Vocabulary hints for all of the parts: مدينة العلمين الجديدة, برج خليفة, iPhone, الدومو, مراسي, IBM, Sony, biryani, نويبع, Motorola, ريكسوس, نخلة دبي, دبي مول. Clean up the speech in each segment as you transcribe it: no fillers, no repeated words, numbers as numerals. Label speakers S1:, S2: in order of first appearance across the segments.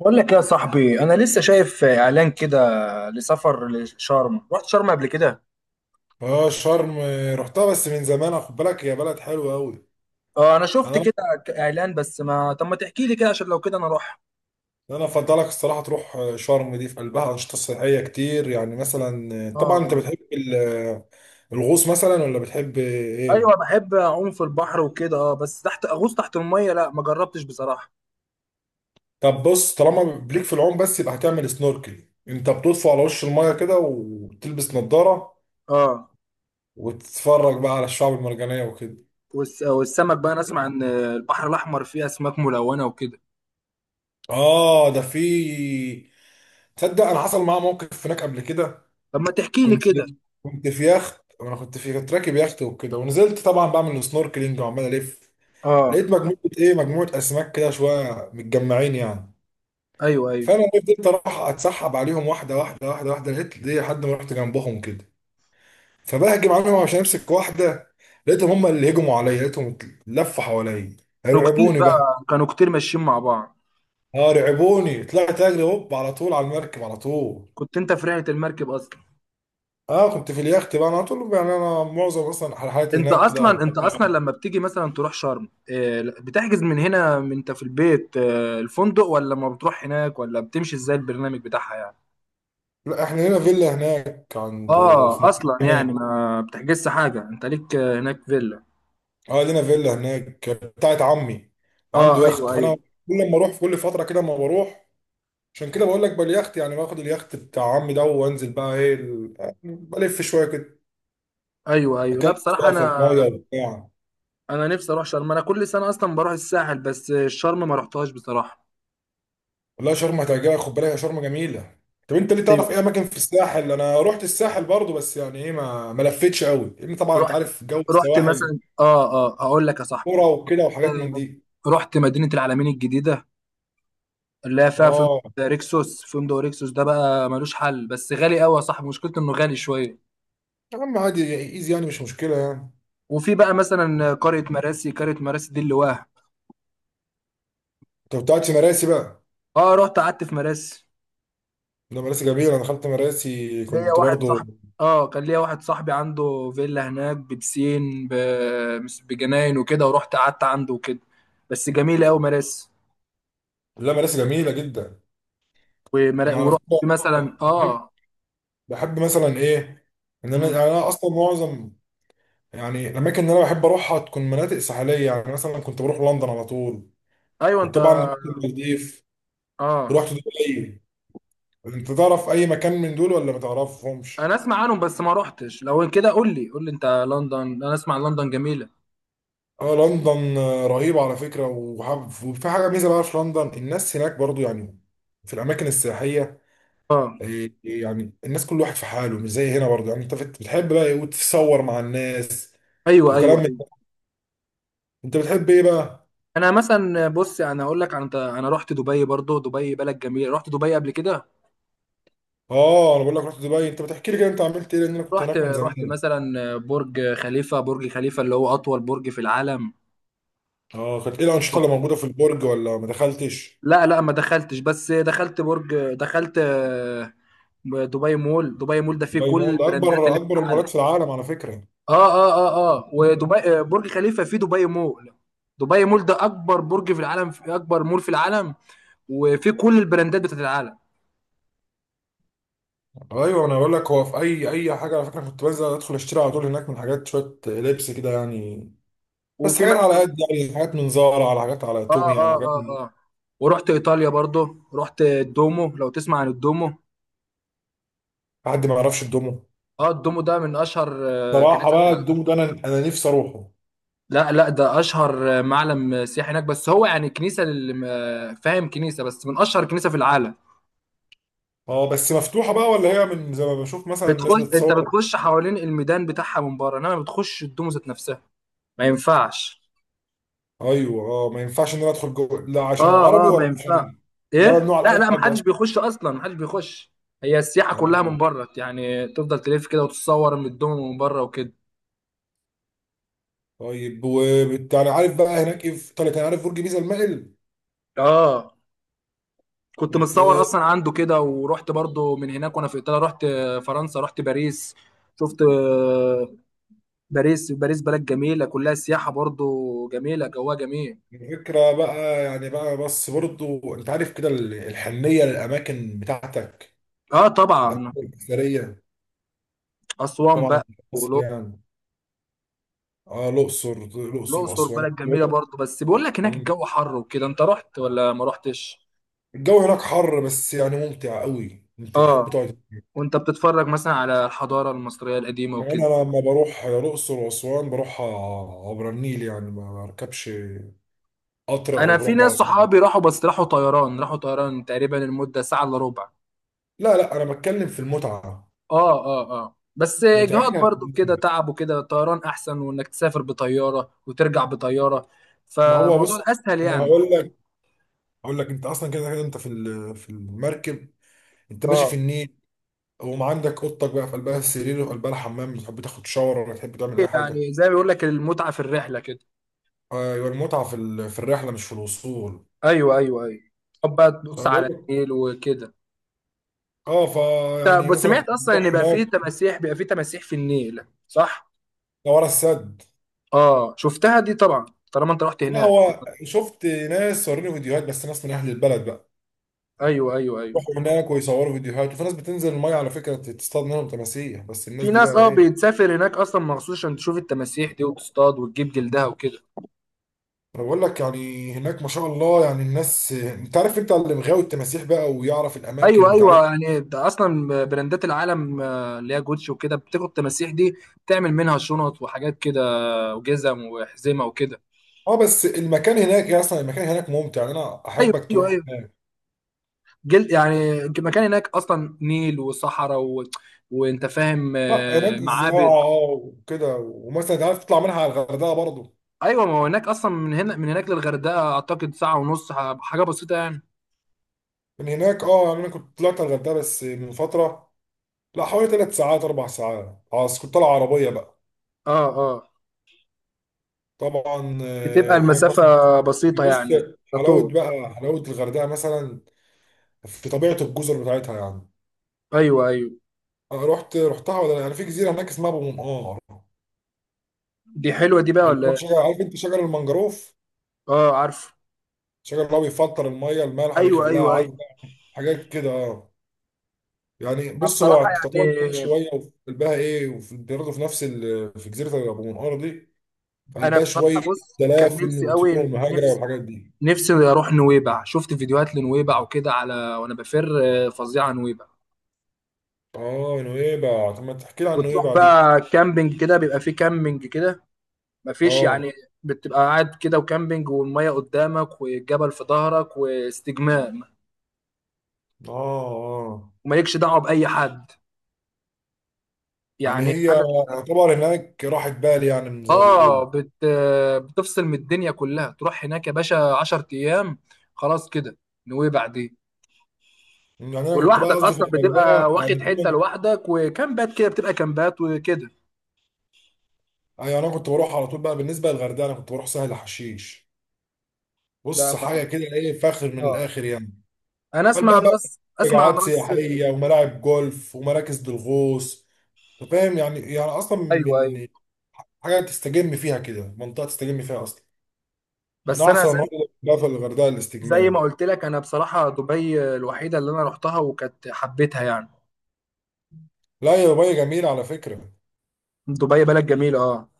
S1: بقول لك يا صاحبي انا لسه شايف اعلان كده لسفر لشرم. رحت شرم قبل كده.
S2: اه شرم رحتها بس من زمان، خد بالك هي بلد حلوه قوي.
S1: اه، انا شفت
S2: انا
S1: كده اعلان. بس ما طب ما تحكي لي كده عشان لو كده انا اروح.
S2: انا افضلك الصراحه تروح شرم دي في قلبها انشطه سياحيه كتير، يعني مثلا
S1: اه
S2: طبعا انت
S1: آه.
S2: بتحب الغوص مثلا ولا بتحب
S1: ايوه
S2: ايه؟
S1: بحب اعوم في البحر وكده. اه بس تحت اغوص تحت الميه لا ما جربتش بصراحه.
S2: طب بص، طالما بليك في العوم بس، يبقى هتعمل سنوركل، انت بتطفو على وش المايه كده وتلبس نظاره
S1: اه،
S2: وتتفرج بقى على الشعب المرجانيه وكده.
S1: والسمك بقى، انا اسمع ان البحر الاحمر فيه اسماك ملونه وكده.
S2: اه ده في. تصدق انا حصل معايا موقف هناك قبل كده.
S1: طب ما تحكي لي
S2: كنت
S1: كده.
S2: كنت في يخت، وانا كنت راكب يخت وكده، ونزلت طبعا بعمل سنوركلينج وعمال الف.
S1: اه،
S2: لقيت مجموعه مجموعه اسماك كده شويه متجمعين يعني.
S1: ايوه ايوه.
S2: فانا فضلت اروح اتسحب عليهم واحده واحده واحده واحده، لقيت ليه لحد ما رحت جنبهم كده، فبهجم عليهم عشان امسك واحده. لقيتهم هم اللي هجموا عليا، لقيتهم لفوا حواليا،
S1: كانوا كتير
S2: رعبوني بقى.
S1: بقى، كانوا كتير ماشيين مع بعض.
S2: اه رعبوني، طلعت اجري هوب على طول على المركب على طول.
S1: كنت انت في رحله المركب اصلا؟
S2: اه كنت في اليخت بقى، انا على طول يعني، انا معظم اصلا رحلاتي
S1: انت
S2: هناك كده.
S1: اصلا، انت اصلا لما بتيجي مثلا تروح شرم، بتحجز من هنا، من انت في البيت، الفندق، ولا ما بتروح هناك، ولا بتمشي ازاي البرنامج بتاعها يعني؟
S2: لا احنا لنا فيلا هناك عند،
S1: اه،
S2: في منطقة
S1: اصلا
S2: هناك،
S1: يعني ما بتحجزش حاجه، انت ليك هناك فيلا.
S2: اه لنا فيلا هناك بتاعت عمي، وعنده
S1: اه ايوه
S2: يخت. فانا
S1: ايوه
S2: كل ما اروح في كل فترة كده ما بروح. عشان كده بقول لك باليخت، يعني باخد اليخت بتاع عمي ده وانزل بقى ايه بلف شوية كده،
S1: ايوه ايوه. لا
S2: اكلم
S1: بصراحه
S2: بقى في
S1: انا
S2: المية وبتاع.
S1: انا نفسي اروح شرم. انا كل سنه اصلا بروح الساحل، بس شرم ما رحتهاش بصراحه.
S2: والله شرم هتعجبك، خد بالك يا شرم جميلة. طب انت ليه، تعرف
S1: ايوه.
S2: ايه اماكن في الساحل؟ انا رحت الساحل برضو بس يعني ايه، ما لفتش قوي، لان طبعا انت
S1: رحت
S2: عارف جو
S1: رحت
S2: السواحل،
S1: مثلا، اه، هقول لك يا صاحبي.
S2: كرة وكده وحاجات من دي.
S1: آه، رحت مدينه العلمين الجديده، اللي هي فيها فندق
S2: اه
S1: ريكسوس. فندق ريكسوس ده بقى ملوش حل، بس غالي قوي يا صاحبي. مشكلته انه غالي شويه.
S2: يا عم عادي، ايزي يعني، مش مشكلة يعني.
S1: وفي بقى مثلا قريه مراسي. قريه مراسي دي اللي واه.
S2: انت كنت قاعد في مراسي بقى؟
S1: اه، رحت قعدت في مراسي.
S2: ده مراسي جميله، انا دخلت مراسي
S1: ليا
S2: كنت
S1: واحد
S2: برضو.
S1: صاحبي، اه كان ليا واحد صاحبي عنده فيلا هناك ببسين بجناين وكده، ورحت قعدت عنده وكده. بس جميله قوي مراسي.
S2: لا مراسي جميله جدا. انا على
S1: ورحت
S2: فكره
S1: مثلا
S2: بحب
S1: اه.
S2: بحب مثلا ايه، ان انا
S1: مم.
S2: يعني انا اصلا معظم يعني، الاماكن اللي انا بحب اروحها تكون مناطق ساحليه، يعني مثلا كنت بروح لندن على طول.
S1: ايوه انت.
S2: وطبعا رحت المالديف،
S1: اه
S2: ورحت دبي. انت تعرف اي مكان من دول ولا ما
S1: انا
S2: تعرفهمش؟
S1: اسمع عنهم بس ما رحتش. لو كده قول لي، قول لي انت لندن. انا اسمع لندن جميله.
S2: اه لندن رهيبه على فكره، وحب، وفي حاجه ميزه بقى في لندن، الناس هناك برضو يعني في الاماكن السياحيه،
S1: اه
S2: إيه- إيه يعني، الناس كل واحد في حاله، مش زي هنا برضه. يعني انت بتحب بقى ايه وتتصور مع الناس
S1: ايوه
S2: وكلام
S1: ايوه
S2: من ده.
S1: أيوة.
S2: انت بتحب ايه بقى؟
S1: انا مثلا، بص انا اقول لك، انا رحت دبي برضو. دبي بلد جميله. رحت دبي قبل كده.
S2: اه انا بقول لك رحت دبي، انت بتحكي لي كده انت عملت ايه، لان انا كنت
S1: رحت
S2: هناك من
S1: رحت
S2: زمان.
S1: مثلا برج خليفه. برج خليفه اللي هو اطول برج في العالم.
S2: اه كانت ايه الانشطه اللي موجوده في البرج ولا ما دخلتش؟
S1: لا لا ما دخلتش. بس دخلت برج، دخلت دبي مول. دبي مول ده فيه
S2: دبي
S1: كل
S2: مول ده
S1: البراندات
S2: اكبر
S1: اللي في
S2: اكبر المولات
S1: العالم.
S2: في العالم على فكره.
S1: اه اه اه اه. ودبي برج خليفه فيه دبي مول. دبي مول ده اكبر برج في العالم، في اكبر مول في العالم، وفيه كل البراندات بتاعت العالم.
S2: ايوه انا بقول لك هو في اي حاجه على فكره، كنت بنزل ادخل اشتري على طول هناك من حاجات شويه لبس كده يعني، بس
S1: وفي
S2: حاجات على قد يعني، حاجات من زارا، على حاجات على
S1: اه
S2: تومي، على
S1: اه
S2: حاجات
S1: اه
S2: من.
S1: اه. ورحت ايطاليا برضو. رحت الدومو، لو تسمع عن الدومو.
S2: حد ما يعرفش الدومو؟
S1: اه، الدومو ده من اشهر
S2: صراحة
S1: كنيسه في
S2: بقى
S1: العالم.
S2: الدومو ده انا نفسي اروحه.
S1: لا لا، ده اشهر معلم سياحي هناك. بس هو يعني كنيسه، فاهم، كنيسه، بس من اشهر كنيسه في العالم.
S2: اه بس مفتوحة بقى ولا هي من زي ما بشوف مثلا الناس
S1: بتخش، انت
S2: بتصور؟
S1: بتخش حوالين الميدان بتاعها من بره، انما بتخش الدومو ذات نفسها ما ينفعش.
S2: ايوه اه ما ينفعش ان انا ادخل جوه، لا عشان
S1: اه
S2: عربي
S1: اه ما
S2: ولا
S1: ينفع.
S2: عشان؟ لا
S1: ايه
S2: ممنوع على
S1: لا
S2: اي
S1: لا،
S2: حد
S1: محدش
S2: اصلا.
S1: بيخش اصلا، محدش بيخش. هي السياحه كلها
S2: اه
S1: من بره يعني. تفضل تلف كده وتتصور من الدومو من بره وكده.
S2: طيب، يعني عارف بقى هناك ايه في ايطاليا كان، عارف برج بيزا المائل؟
S1: اه، كنت
S2: انت
S1: متصور اصلا عنده كده. ورحت برضو من هناك وانا في ايطاليا، رحت فرنسا. رحت باريس. شفت باريس. باريس بلد جميله، كلها سياحه برضو، جميله، جواها جميل.
S2: الفكرة بقى يعني بس برضو انت عارف كده الحنية للاماكن بتاعتك،
S1: اه
S2: الاماكن
S1: طبعا.
S2: الاثرية
S1: اسوان
S2: طبعا
S1: بقى،
S2: في مصر
S1: والأقصر.
S2: يعني. اه الاقصر،
S1: الأقصر
S2: واسوان.
S1: بلد جميله برضو، بس بيقول لك هناك الجو حر وكده. انت رحت ولا ما رحتش؟
S2: الجو هناك حر بس يعني ممتع قوي، انت تحب
S1: اه.
S2: تقعد هناك.
S1: وانت بتتفرج مثلا على الحضاره المصريه القديمه
S2: كمان
S1: وكده.
S2: انا لما بروح الاقصر واسوان بروح عبر النيل، يعني ما بركبش قطر او
S1: انا في
S2: بروح
S1: ناس صحابي
S2: بعربيه.
S1: راحوا، بس راحوا طيران. راحوا طيران، تقريبا المده ساعه الا ربع.
S2: لا لا انا بتكلم في المتعه،
S1: اه اه اه. بس اجهاض
S2: متعتها في
S1: برضو كده،
S2: النيل.
S1: تعب وكده. طيران احسن، وانك تسافر بطياره وترجع بطياره،
S2: ما هو
S1: فالموضوع
S2: بص،
S1: اسهل
S2: انا
S1: يعني.
S2: هقول لك، انت اصلا كده كده، انت في في المركب، انت ماشي
S1: اه،
S2: في النيل، وما عندك اوضتك بقى في قلبها السرير وفي قلبها الحمام، بتحب تاخد شاور ولا تحب تعمل اي حاجه.
S1: يعني زي ما بيقول لك، المتعه في الرحله كده.
S2: ايوه المتعه في في الرحله مش في الوصول.
S1: ايوه ايوه ايوه. طب بقى تبص
S2: فانا بقول
S1: على
S2: لك
S1: النيل وكده.
S2: اه،
S1: طب
S2: فيعني
S1: بس
S2: مثلا
S1: سمعت
S2: كنت
S1: اصلا ان
S2: بروح
S1: بقى فيه
S2: هناك.
S1: تماسيح، بيبقى فيه تماسيح في النيل صح؟
S2: ده ورا السد.
S1: اه، شفتها دي طبعا، طالما انت رحت
S2: لا
S1: هناك.
S2: هو شفت ناس صوروني فيديوهات بس، ناس من اهل البلد بقى
S1: ايوه ايوه ايوه.
S2: يروحوا هناك ويصوروا فيديوهات، وفي ناس بتنزل الميه على فكره تصطاد منهم تماسيح، بس الناس
S1: في
S2: دي
S1: ناس
S2: بقى
S1: اه
S2: ايه.
S1: بتسافر هناك اصلا مخصوص عشان تشوف التماسيح دي، وتصطاد وتجيب جلدها وكده.
S2: انا بقول لك يعني هناك ما شاء الله، يعني الناس انت عارف، انت اللي مغاوي التماسيح بقى ويعرف
S1: ايوه
S2: الاماكن
S1: ايوه.
S2: بتاعتهم.
S1: يعني ده اصلا براندات العالم اللي هي جوتشي وكده، بتاخد التماسيح دي تعمل منها شنط وحاجات كده، وجزم وحزمه وكده.
S2: اه بس المكان هناك يا، اصلا المكان هناك ممتع يعني، انا
S1: ايوه
S2: احبك
S1: ايوه
S2: تروح
S1: ايوه.
S2: هناك.
S1: جل، يعني مكان هناك اصلا نيل وصحراء وانت فاهم،
S2: لا هناك
S1: معابد.
S2: زراعه اه وكده، ومثلا انت عارف تطلع منها على الغردقه برضه.
S1: ايوه ما هو هناك اصلا، من هنا من هناك للغردقه اعتقد ساعه ونص، حاجه بسيطه يعني.
S2: من هناك اه، يعني انا كنت طلعت على الغردقه بس من فتره. لا حوالي 3 ساعات 4 ساعات، خلاص كنت طالع عربيه بقى.
S1: اه اه.
S2: طبعا
S1: بتبقى
S2: هناك
S1: المسافه
S2: مثلا،
S1: بسيطه
S2: بص،
S1: يعني، على طول.
S2: حلاوه الغردقه مثلا، في طبيعه الجزر بتاعتها يعني.
S1: ايوه ايوه.
S2: انا رحتها ولا لا؟ انا في جزيره هناك اسمها ابو منقار،
S1: دي حلوه دي بقى ولا
S2: البلد
S1: إيه؟
S2: شجر، عارف انت شجر المانجروف؟
S1: اه عارف.
S2: شجر اللي هو بيفلتر الميه المالحه
S1: ايوه
S2: بيخليها
S1: ايوه ايوه.
S2: عذبه، حاجات كده آه. يعني
S1: انا
S2: بص هو
S1: بصراحه
S2: تعتبر هناك
S1: يعني،
S2: شويه، وفي قلبها ايه، وفي برضه في نفس في جزيره ابو منقار دي في
S1: انا
S2: قلبها
S1: بصراحه
S2: شويه
S1: بص، كان
S2: دلافن
S1: نفسي
S2: وطيور
S1: قوي،
S2: المهاجره
S1: نفسي،
S2: والحاجات دي.
S1: نفسي اروح نويبع. شفت فيديوهات لنويبع وكده على وانا بفر. فظيعه نويبع.
S2: اه نويبع، طب ما تحكي لي عن
S1: وتروح
S2: نويبع دي.
S1: بقى كامبينج كده. بيبقى فيه كامبينج كده، مفيش
S2: اه
S1: يعني. بتبقى قاعد كده، وكامبينج، والميه قدامك، والجبل في ظهرك، واستجمام،
S2: اه اه.
S1: ومالكش دعوه باي حد،
S2: يعني
S1: يعني
S2: هي
S1: حاجه.
S2: يعتبر هناك راحة بال، يعني من زي ما بيقولوا.
S1: اه بت... آه، بتفصل من الدنيا كلها. تروح هناك يا باشا 10 ايام، خلاص كده، نويبع دي.
S2: يعني انا كنت بقى
S1: ولوحدك
S2: قصدي في
S1: اصلا، بتبقى
S2: الغردقة يعني
S1: واخد
S2: في
S1: حته
S2: من،
S1: لوحدك، وكامبات كده، بتبقى كامبات وكده.
S2: يعني انا كنت بروح على طول بقى، بالنسبة للغردقة انا كنت بروح سهل حشيش.
S1: ده
S2: بص حاجة
S1: ما
S2: كده ايه فاخر من
S1: اه،
S2: الاخر يعني.
S1: انا اسمع
S2: فالبقى
S1: عن
S2: بقى
S1: راس، اسمع عن
S2: مجاعات
S1: راس.
S2: سياحية وملاعب جولف ومراكز للغوص. أنت فاهم يعني، يعني اصلا
S1: ايوه ايوه.
S2: من حاجة تستجم فيها كده، منطقة تستجم فيها اصلا، من
S1: بس انا
S2: احسن
S1: زي,
S2: المناطق اللي بقى في الغردقة
S1: زي ما
S2: الاستجمام.
S1: قلت لك، انا بصراحه دبي الوحيده اللي انا رحتها وكانت حبيتها يعني.
S2: لا يا دبي جميلة على فكرة.
S1: دبي بلد جميله اه.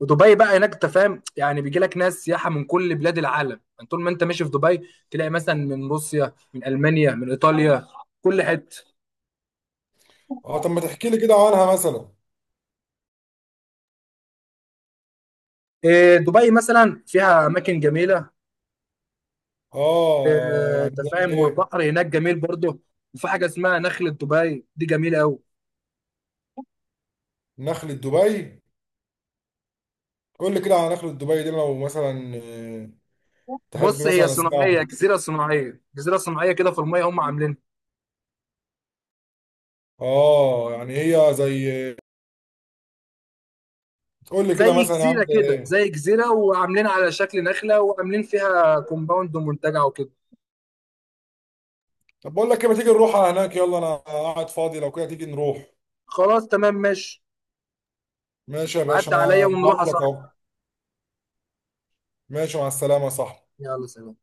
S1: ودبي بقى هناك انت فاهم يعني، بيجي لك ناس سياحه من كل بلاد العالم يعني. طول ما انت ماشي في دبي تلاقي مثلا من روسيا، من المانيا، من ايطاليا، كل حته.
S2: اه طب ما تحكي لي كده عنها مثلا.
S1: إيه، دبي مثلا فيها اماكن جميله.
S2: اه
S1: انت
S2: يعني زي
S1: فاهم،
S2: ايه؟
S1: والبحر هناك جميل برضه. وفي حاجه اسمها نخله دبي، دي جميله قوي.
S2: نخلة دبي، قول لي كده على نخلة دبي دي لو مثلا تحب
S1: بص هي
S2: مثلا
S1: صناعيه،
S2: اسمعها.
S1: جزيره صناعيه، جزيره صناعيه كده في الميه، هم عاملينها.
S2: اه يعني هي زي، قول لي كده
S1: زي
S2: مثلا يا عم
S1: جزيره
S2: زي.
S1: كده، زي جزيره، وعاملين على شكل نخله، وعاملين فيها كومباوند ومنتجع وكده.
S2: طب بقول لك ايه، ما تيجي نروح على هناك، يلا انا قاعد فاضي، لو كده تيجي نروح.
S1: خلاص تمام ماشي.
S2: ماشي يا باشا
S1: عدى عليا
S2: انا
S1: ونروح يا
S2: بعت لك
S1: صاحبي.
S2: اهو. ماشي مع السلامة يا صاحبي.
S1: يلا سلام.